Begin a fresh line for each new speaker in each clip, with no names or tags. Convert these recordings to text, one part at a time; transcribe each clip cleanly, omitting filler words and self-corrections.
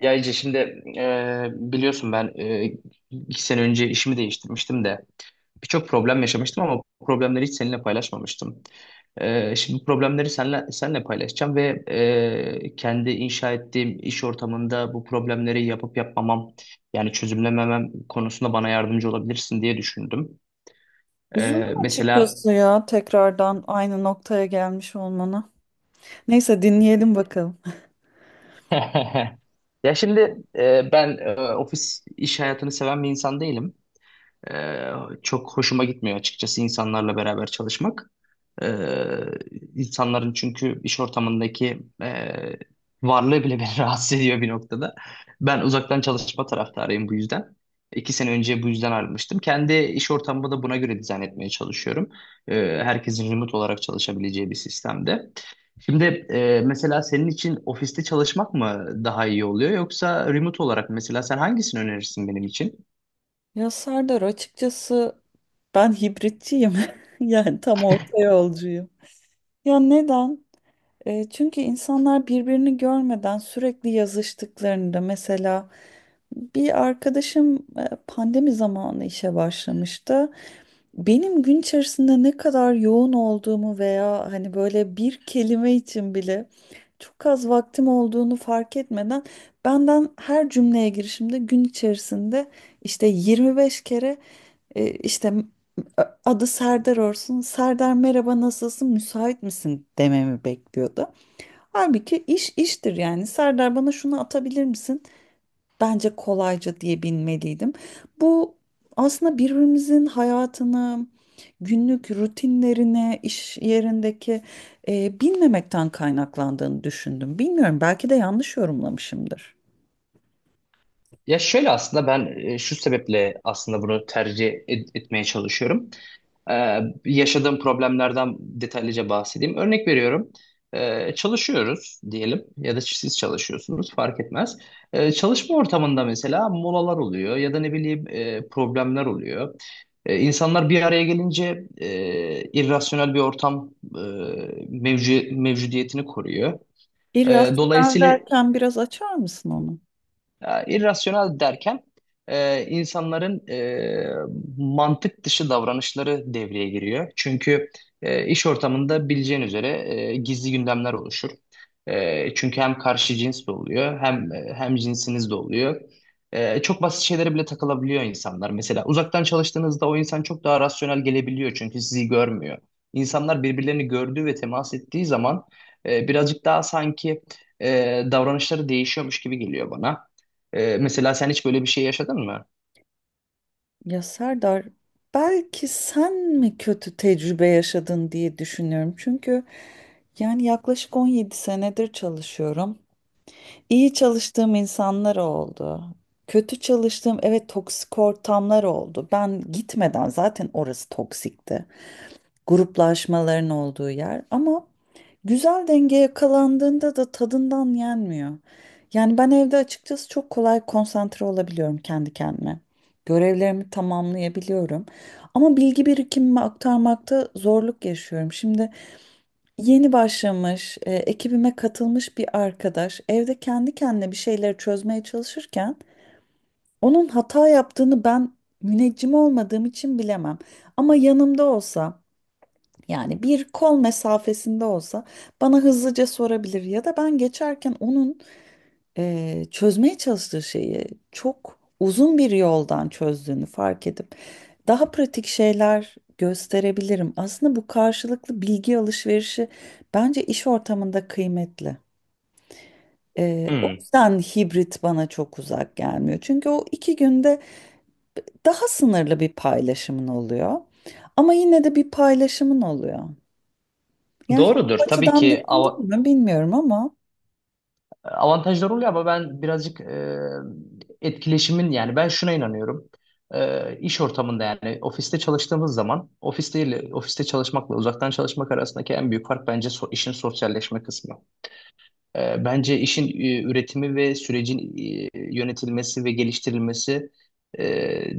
Ya Ece şimdi biliyorsun ben 2 sene önce işimi değiştirmiştim de birçok problem yaşamıştım ama bu problemleri hiç seninle paylaşmamıştım. Şimdi bu problemleri seninle paylaşacağım ve kendi inşa ettiğim iş ortamında bu problemleri yapıp yapmamam yani çözümlememem konusunda bana yardımcı olabilirsin diye düşündüm.
Üzüldüm
Mesela
açıkçası ya tekrardan aynı noktaya gelmiş olmana. Neyse dinleyelim bakalım.
ya şimdi ben ofis iş hayatını seven bir insan değilim. Ee, Çok hoşuma gitmiyor açıkçası insanlarla beraber çalışmak. Ee, insanların çünkü iş ortamındaki varlığı bile beni rahatsız ediyor bir noktada. Ben uzaktan çalışma taraftarıyım bu yüzden. İki sene önce bu yüzden ayrılmıştım. Kendi iş ortamımı da buna göre dizayn etmeye çalışıyorum. Ee, Herkesin remote olarak çalışabileceği bir sistemde. Şimdi mesela senin için ofiste çalışmak mı daha iyi oluyor yoksa remote olarak mesela sen hangisini önerirsin benim için?
Ya Serdar, açıkçası ben hibritçiyim. Yani tam orta yolcuyum. Ya neden? Çünkü insanlar birbirini görmeden sürekli yazıştıklarında mesela bir arkadaşım pandemi zamanı işe başlamıştı. Benim gün içerisinde ne kadar yoğun olduğumu veya hani böyle bir kelime için bile çok az vaktim olduğunu fark etmeden benden her cümleye girişimde gün içerisinde işte 25 kere e, işte adı Serdar olsun. Serdar, merhaba, nasılsın, müsait misin dememi bekliyordu. Halbuki iş iştir yani. Serdar, bana şunu atabilir misin? Bence kolayca diye bilmeliydim. Bu aslında birbirimizin hayatını, günlük rutinlerine, iş yerindeki bilmemekten kaynaklandığını düşündüm. Bilmiyorum, belki de yanlış yorumlamışımdır.
Ya şöyle aslında ben şu sebeple aslında bunu etmeye çalışıyorum. Ee, Yaşadığım problemlerden detaylıca bahsedeyim. Örnek veriyorum. Çalışıyoruz diyelim ya da siz çalışıyorsunuz fark etmez. Çalışma ortamında mesela molalar oluyor ya da ne bileyim problemler oluyor. İnsanlar bir araya gelince irrasyonel bir ortam mevcudiyetini koruyor.
İrrasyonel
Dolayısıyla
derken biraz açar mısın onu?
ya, irrasyonel derken insanların mantık dışı davranışları devreye giriyor. Çünkü iş ortamında bileceğin üzere gizli gündemler oluşur. Çünkü hem karşı cins de oluyor hem cinsiniz de oluyor. Çok basit şeylere bile takılabiliyor insanlar. Mesela uzaktan çalıştığınızda o insan çok daha rasyonel gelebiliyor çünkü sizi görmüyor. İnsanlar birbirlerini gördüğü ve temas ettiği zaman birazcık daha sanki e, davranışları değişiyormuş gibi geliyor bana. Mesela sen hiç böyle bir şey yaşadın mı?
Ya Serdar, belki sen mi kötü tecrübe yaşadın diye düşünüyorum. Çünkü yani yaklaşık 17 senedir çalışıyorum. İyi çalıştığım insanlar oldu. Kötü çalıştığım, evet, toksik ortamlar oldu. Ben gitmeden zaten orası toksikti. Gruplaşmaların olduğu yer, ama güzel denge yakalandığında da tadından yenmiyor. Yani ben evde açıkçası çok kolay konsantre olabiliyorum kendi kendime. Görevlerimi tamamlayabiliyorum. Ama bilgi birikimimi aktarmakta zorluk yaşıyorum. Şimdi yeni başlamış, ekibime katılmış bir arkadaş evde kendi kendine bir şeyleri çözmeye çalışırken onun hata yaptığını ben müneccim olmadığım için bilemem. Ama yanımda olsa, yani bir kol mesafesinde olsa, bana hızlıca sorabilir ya da ben geçerken onun çözmeye çalıştığı şeyi çok uzun bir yoldan çözdüğünü fark edip daha pratik şeyler gösterebilirim. Aslında bu karşılıklı bilgi alışverişi bence iş ortamında kıymetli. O
Hmm.
yüzden hibrit bana çok uzak gelmiyor. Çünkü o 2 günde daha sınırlı bir paylaşımın oluyor. Ama yine de bir paylaşımın oluyor. Yani hiç bu
Doğrudur. Tabii
açıdan
ki
düşündün mü bilmiyorum ama.
avantajlar oluyor ama ben birazcık etkileşimin yani ben şuna inanıyorum. İş ortamında yani ofiste çalıştığımız zaman ofiste ile ofiste çalışmakla uzaktan çalışmak arasındaki en büyük fark bence işin sosyalleşme kısmı. Bence işin üretimi ve sürecin yönetilmesi ve geliştirilmesi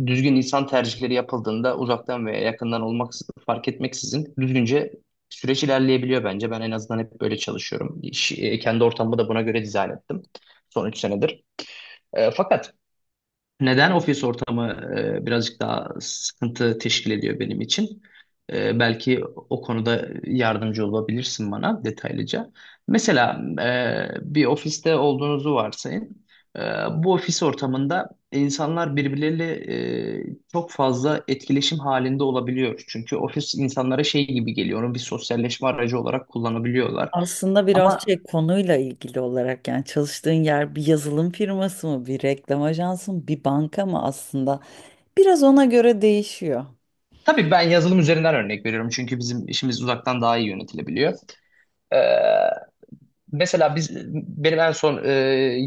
düzgün insan tercihleri yapıldığında uzaktan veya yakından olmak fark etmeksizin düzgünce süreç ilerleyebiliyor bence. Ben en azından hep böyle çalışıyorum. Kendi ortamımı da buna göre dizayn ettim son 3 senedir. Fakat neden ofis ortamı birazcık daha sıkıntı teşkil ediyor benim için? Belki o konuda yardımcı olabilirsin bana detaylıca. Mesela bir ofiste olduğunuzu varsayın. E, Bu ofis ortamında insanlar birbirleriyle çok fazla etkileşim halinde olabiliyor. Çünkü ofis insanlara şey gibi geliyor, onu bir sosyalleşme aracı olarak kullanabiliyorlar.
Aslında biraz
Ama
şey, konuyla ilgili olarak, yani çalıştığın yer bir yazılım firması mı, bir reklam ajansı mı, bir banka mı, aslında biraz ona göre değişiyor.
tabii ben yazılım üzerinden örnek veriyorum çünkü bizim işimiz uzaktan daha iyi yönetilebiliyor. Ee, Mesela biz benim en son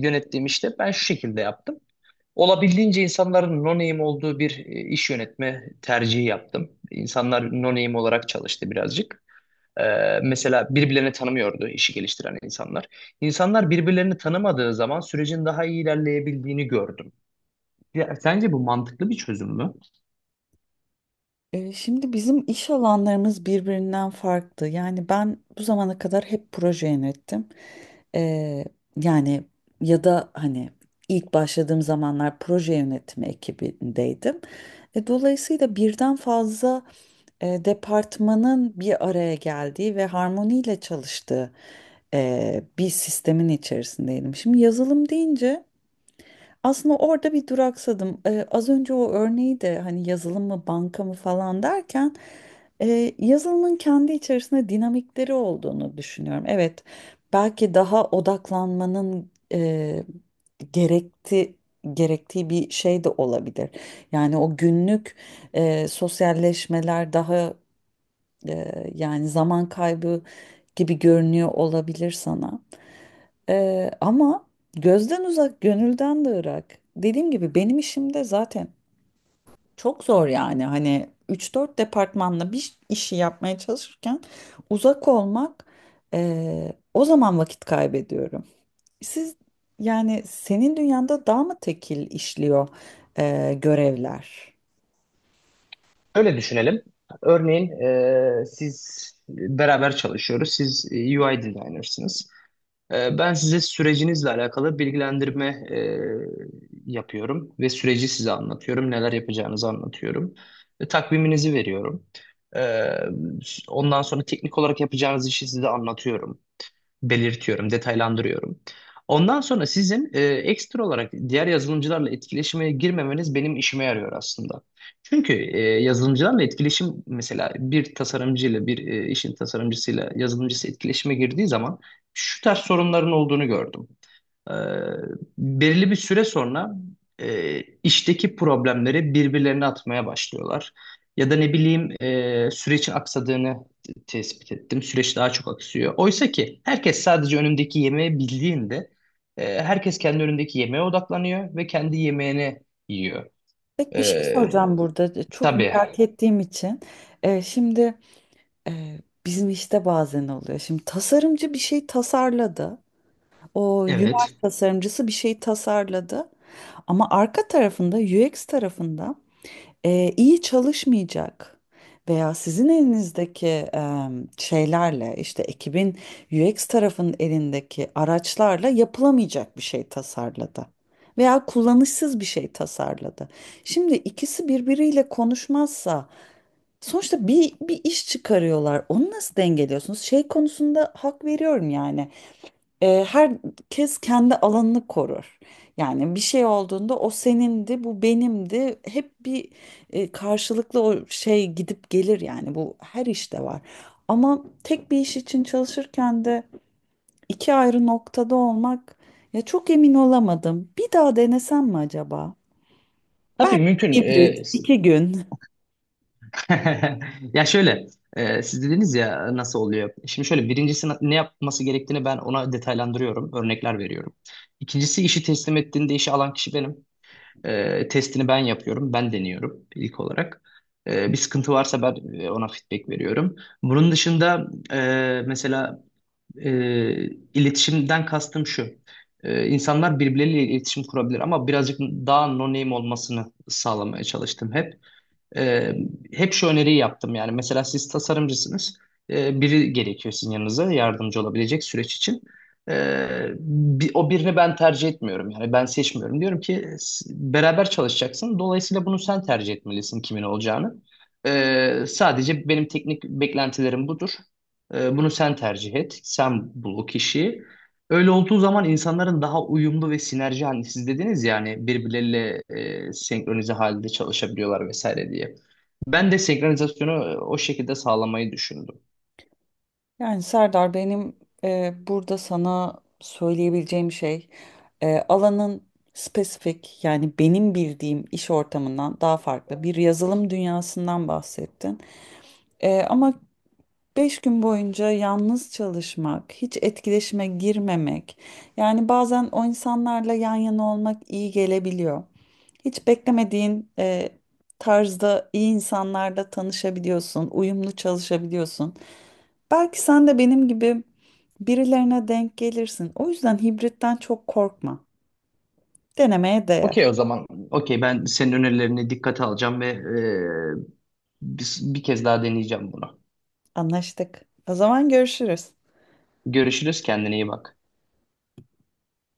yönettiğim işte ben şu şekilde yaptım. Olabildiğince insanların no name olduğu bir iş yönetme tercihi yaptım. İnsanlar no name olarak çalıştı birazcık. E, Mesela birbirlerini tanımıyordu işi geliştiren insanlar. İnsanlar birbirlerini tanımadığı zaman sürecin daha iyi ilerleyebildiğini gördüm. Ya, sence bu mantıklı bir çözüm mü?
Şimdi bizim iş alanlarımız birbirinden farklı. Yani ben bu zamana kadar hep proje yönettim. Ee, yani ya da hani ilk başladığım zamanlar proje yönetimi ekibindeydim. Dolayısıyla birden fazla departmanın bir araya geldiği ve harmoniyle çalıştığı bir sistemin içerisindeydim. Şimdi yazılım deyince aslında orada bir duraksadım. Az önce o örneği de, hani yazılım mı banka mı falan derken, yazılımın kendi içerisinde dinamikleri olduğunu düşünüyorum. Evet, belki daha odaklanmanın gerekti gerektiği bir şey de olabilir. Yani o günlük sosyalleşmeler daha yani zaman kaybı gibi görünüyor olabilir sana. Ama gözden uzak, gönülden de ırak. Dediğim gibi benim işimde zaten çok zor yani. Hani üç dört departmanla bir işi yapmaya çalışırken uzak olmak, o zaman vakit kaybediyorum. Siz yani senin dünyanda daha mı tekil işliyor görevler?
Öyle düşünelim. Örneğin siz beraber çalışıyoruz. Siz UI designer'sınız. Ben size sürecinizle alakalı bilgilendirme yapıyorum ve süreci size anlatıyorum, neler yapacağınızı anlatıyorum, ve takviminizi veriyorum. Ee, Ondan sonra teknik olarak yapacağınız işi size anlatıyorum belirtiyorum, detaylandırıyorum. Ondan sonra sizin ekstra olarak diğer yazılımcılarla etkileşime girmemeniz benim işime yarıyor aslında. Çünkü yazılımcılarla etkileşim mesela bir tasarımcıyla bir işin tasarımcısıyla yazılımcısı etkileşime girdiği zaman şu tarz sorunların olduğunu gördüm. Ee, Belirli bir süre sonra işteki problemleri birbirlerine atmaya başlıyorlar. Ya da ne bileyim sürecin aksadığını tespit ettim. Süreç daha çok aksıyor. Oysa ki herkes sadece önündeki yemeği bildiğinde herkes kendi önündeki yemeğe odaklanıyor ve kendi yemeğini yiyor.
Peki bir şey
Ee,
soracağım burada çok
tabii.
merak ettiğim için. Şimdi... Ee, Bizim işte bazen oluyor. Şimdi tasarımcı bir şey tasarladı. O UI
Evet.
tasarımcısı bir şey tasarladı. Ama arka tarafında UX tarafında iyi çalışmayacak veya sizin elinizdeki şeylerle, işte, ekibin UX tarafının elindeki araçlarla yapılamayacak bir şey tasarladı. Veya kullanışsız bir şey tasarladı. Şimdi ikisi birbiriyle konuşmazsa sonuçta bir iş çıkarıyorlar. Onu nasıl dengeliyorsunuz? Şey konusunda hak veriyorum yani. Herkes kendi alanını korur. Yani bir şey olduğunda o senindi, bu benimdi. Hep bir karşılıklı o şey gidip gelir, yani bu her işte var. Ama tek bir iş için çalışırken de iki ayrı noktada olmak, ya, çok emin olamadım. Bir daha denesem mi acaba?
Tabii
Belki
mümkün.
hibrit, 2 gün.
Ya şöyle, siz dediniz ya nasıl oluyor? Şimdi şöyle birincisi ne yapması gerektiğini ben ona detaylandırıyorum, örnekler veriyorum. İkincisi işi teslim ettiğinde işi alan kişi benim. Testini ben yapıyorum, ben deniyorum ilk olarak. Bir sıkıntı varsa ben ona feedback veriyorum. Bunun dışında mesela e, iletişimden kastım şu. İnsanlar birbirleriyle iletişim kurabilir ama birazcık daha no name olmasını sağlamaya çalıştım hep. Ee, Hep şu öneriyi yaptım yani mesela siz tasarımcısınız. Biri gerekiyor sizin yanınıza yardımcı olabilecek süreç için. Ee, O birini ben tercih etmiyorum yani ben seçmiyorum diyorum ki beraber çalışacaksın dolayısıyla bunu sen tercih etmelisin kimin olacağını. Sadece benim teknik beklentilerim budur. Bunu sen tercih et sen bul o kişiyi. Öyle olduğu zaman insanların daha uyumlu ve sinerji hani siz dediniz yani birbirleriyle senkronize halde çalışabiliyorlar vesaire diye. Ben de senkronizasyonu o şekilde sağlamayı düşündüm.
Yani Serdar, benim burada sana söyleyebileceğim şey, alanın spesifik, yani benim bildiğim iş ortamından daha farklı bir yazılım dünyasından bahsettin. Ama 5 gün boyunca yalnız çalışmak, hiç etkileşime girmemek, yani bazen o insanlarla yan yana olmak iyi gelebiliyor. Hiç beklemediğin tarzda iyi insanlarla tanışabiliyorsun, uyumlu çalışabiliyorsun. Belki sen de benim gibi birilerine denk gelirsin. O yüzden hibritten çok korkma. Denemeye değer.
Okey o zaman okey ben senin önerilerini dikkate alacağım ve bir kez daha deneyeceğim bunu.
Anlaştık. O zaman görüşürüz.
Görüşürüz kendine iyi bak.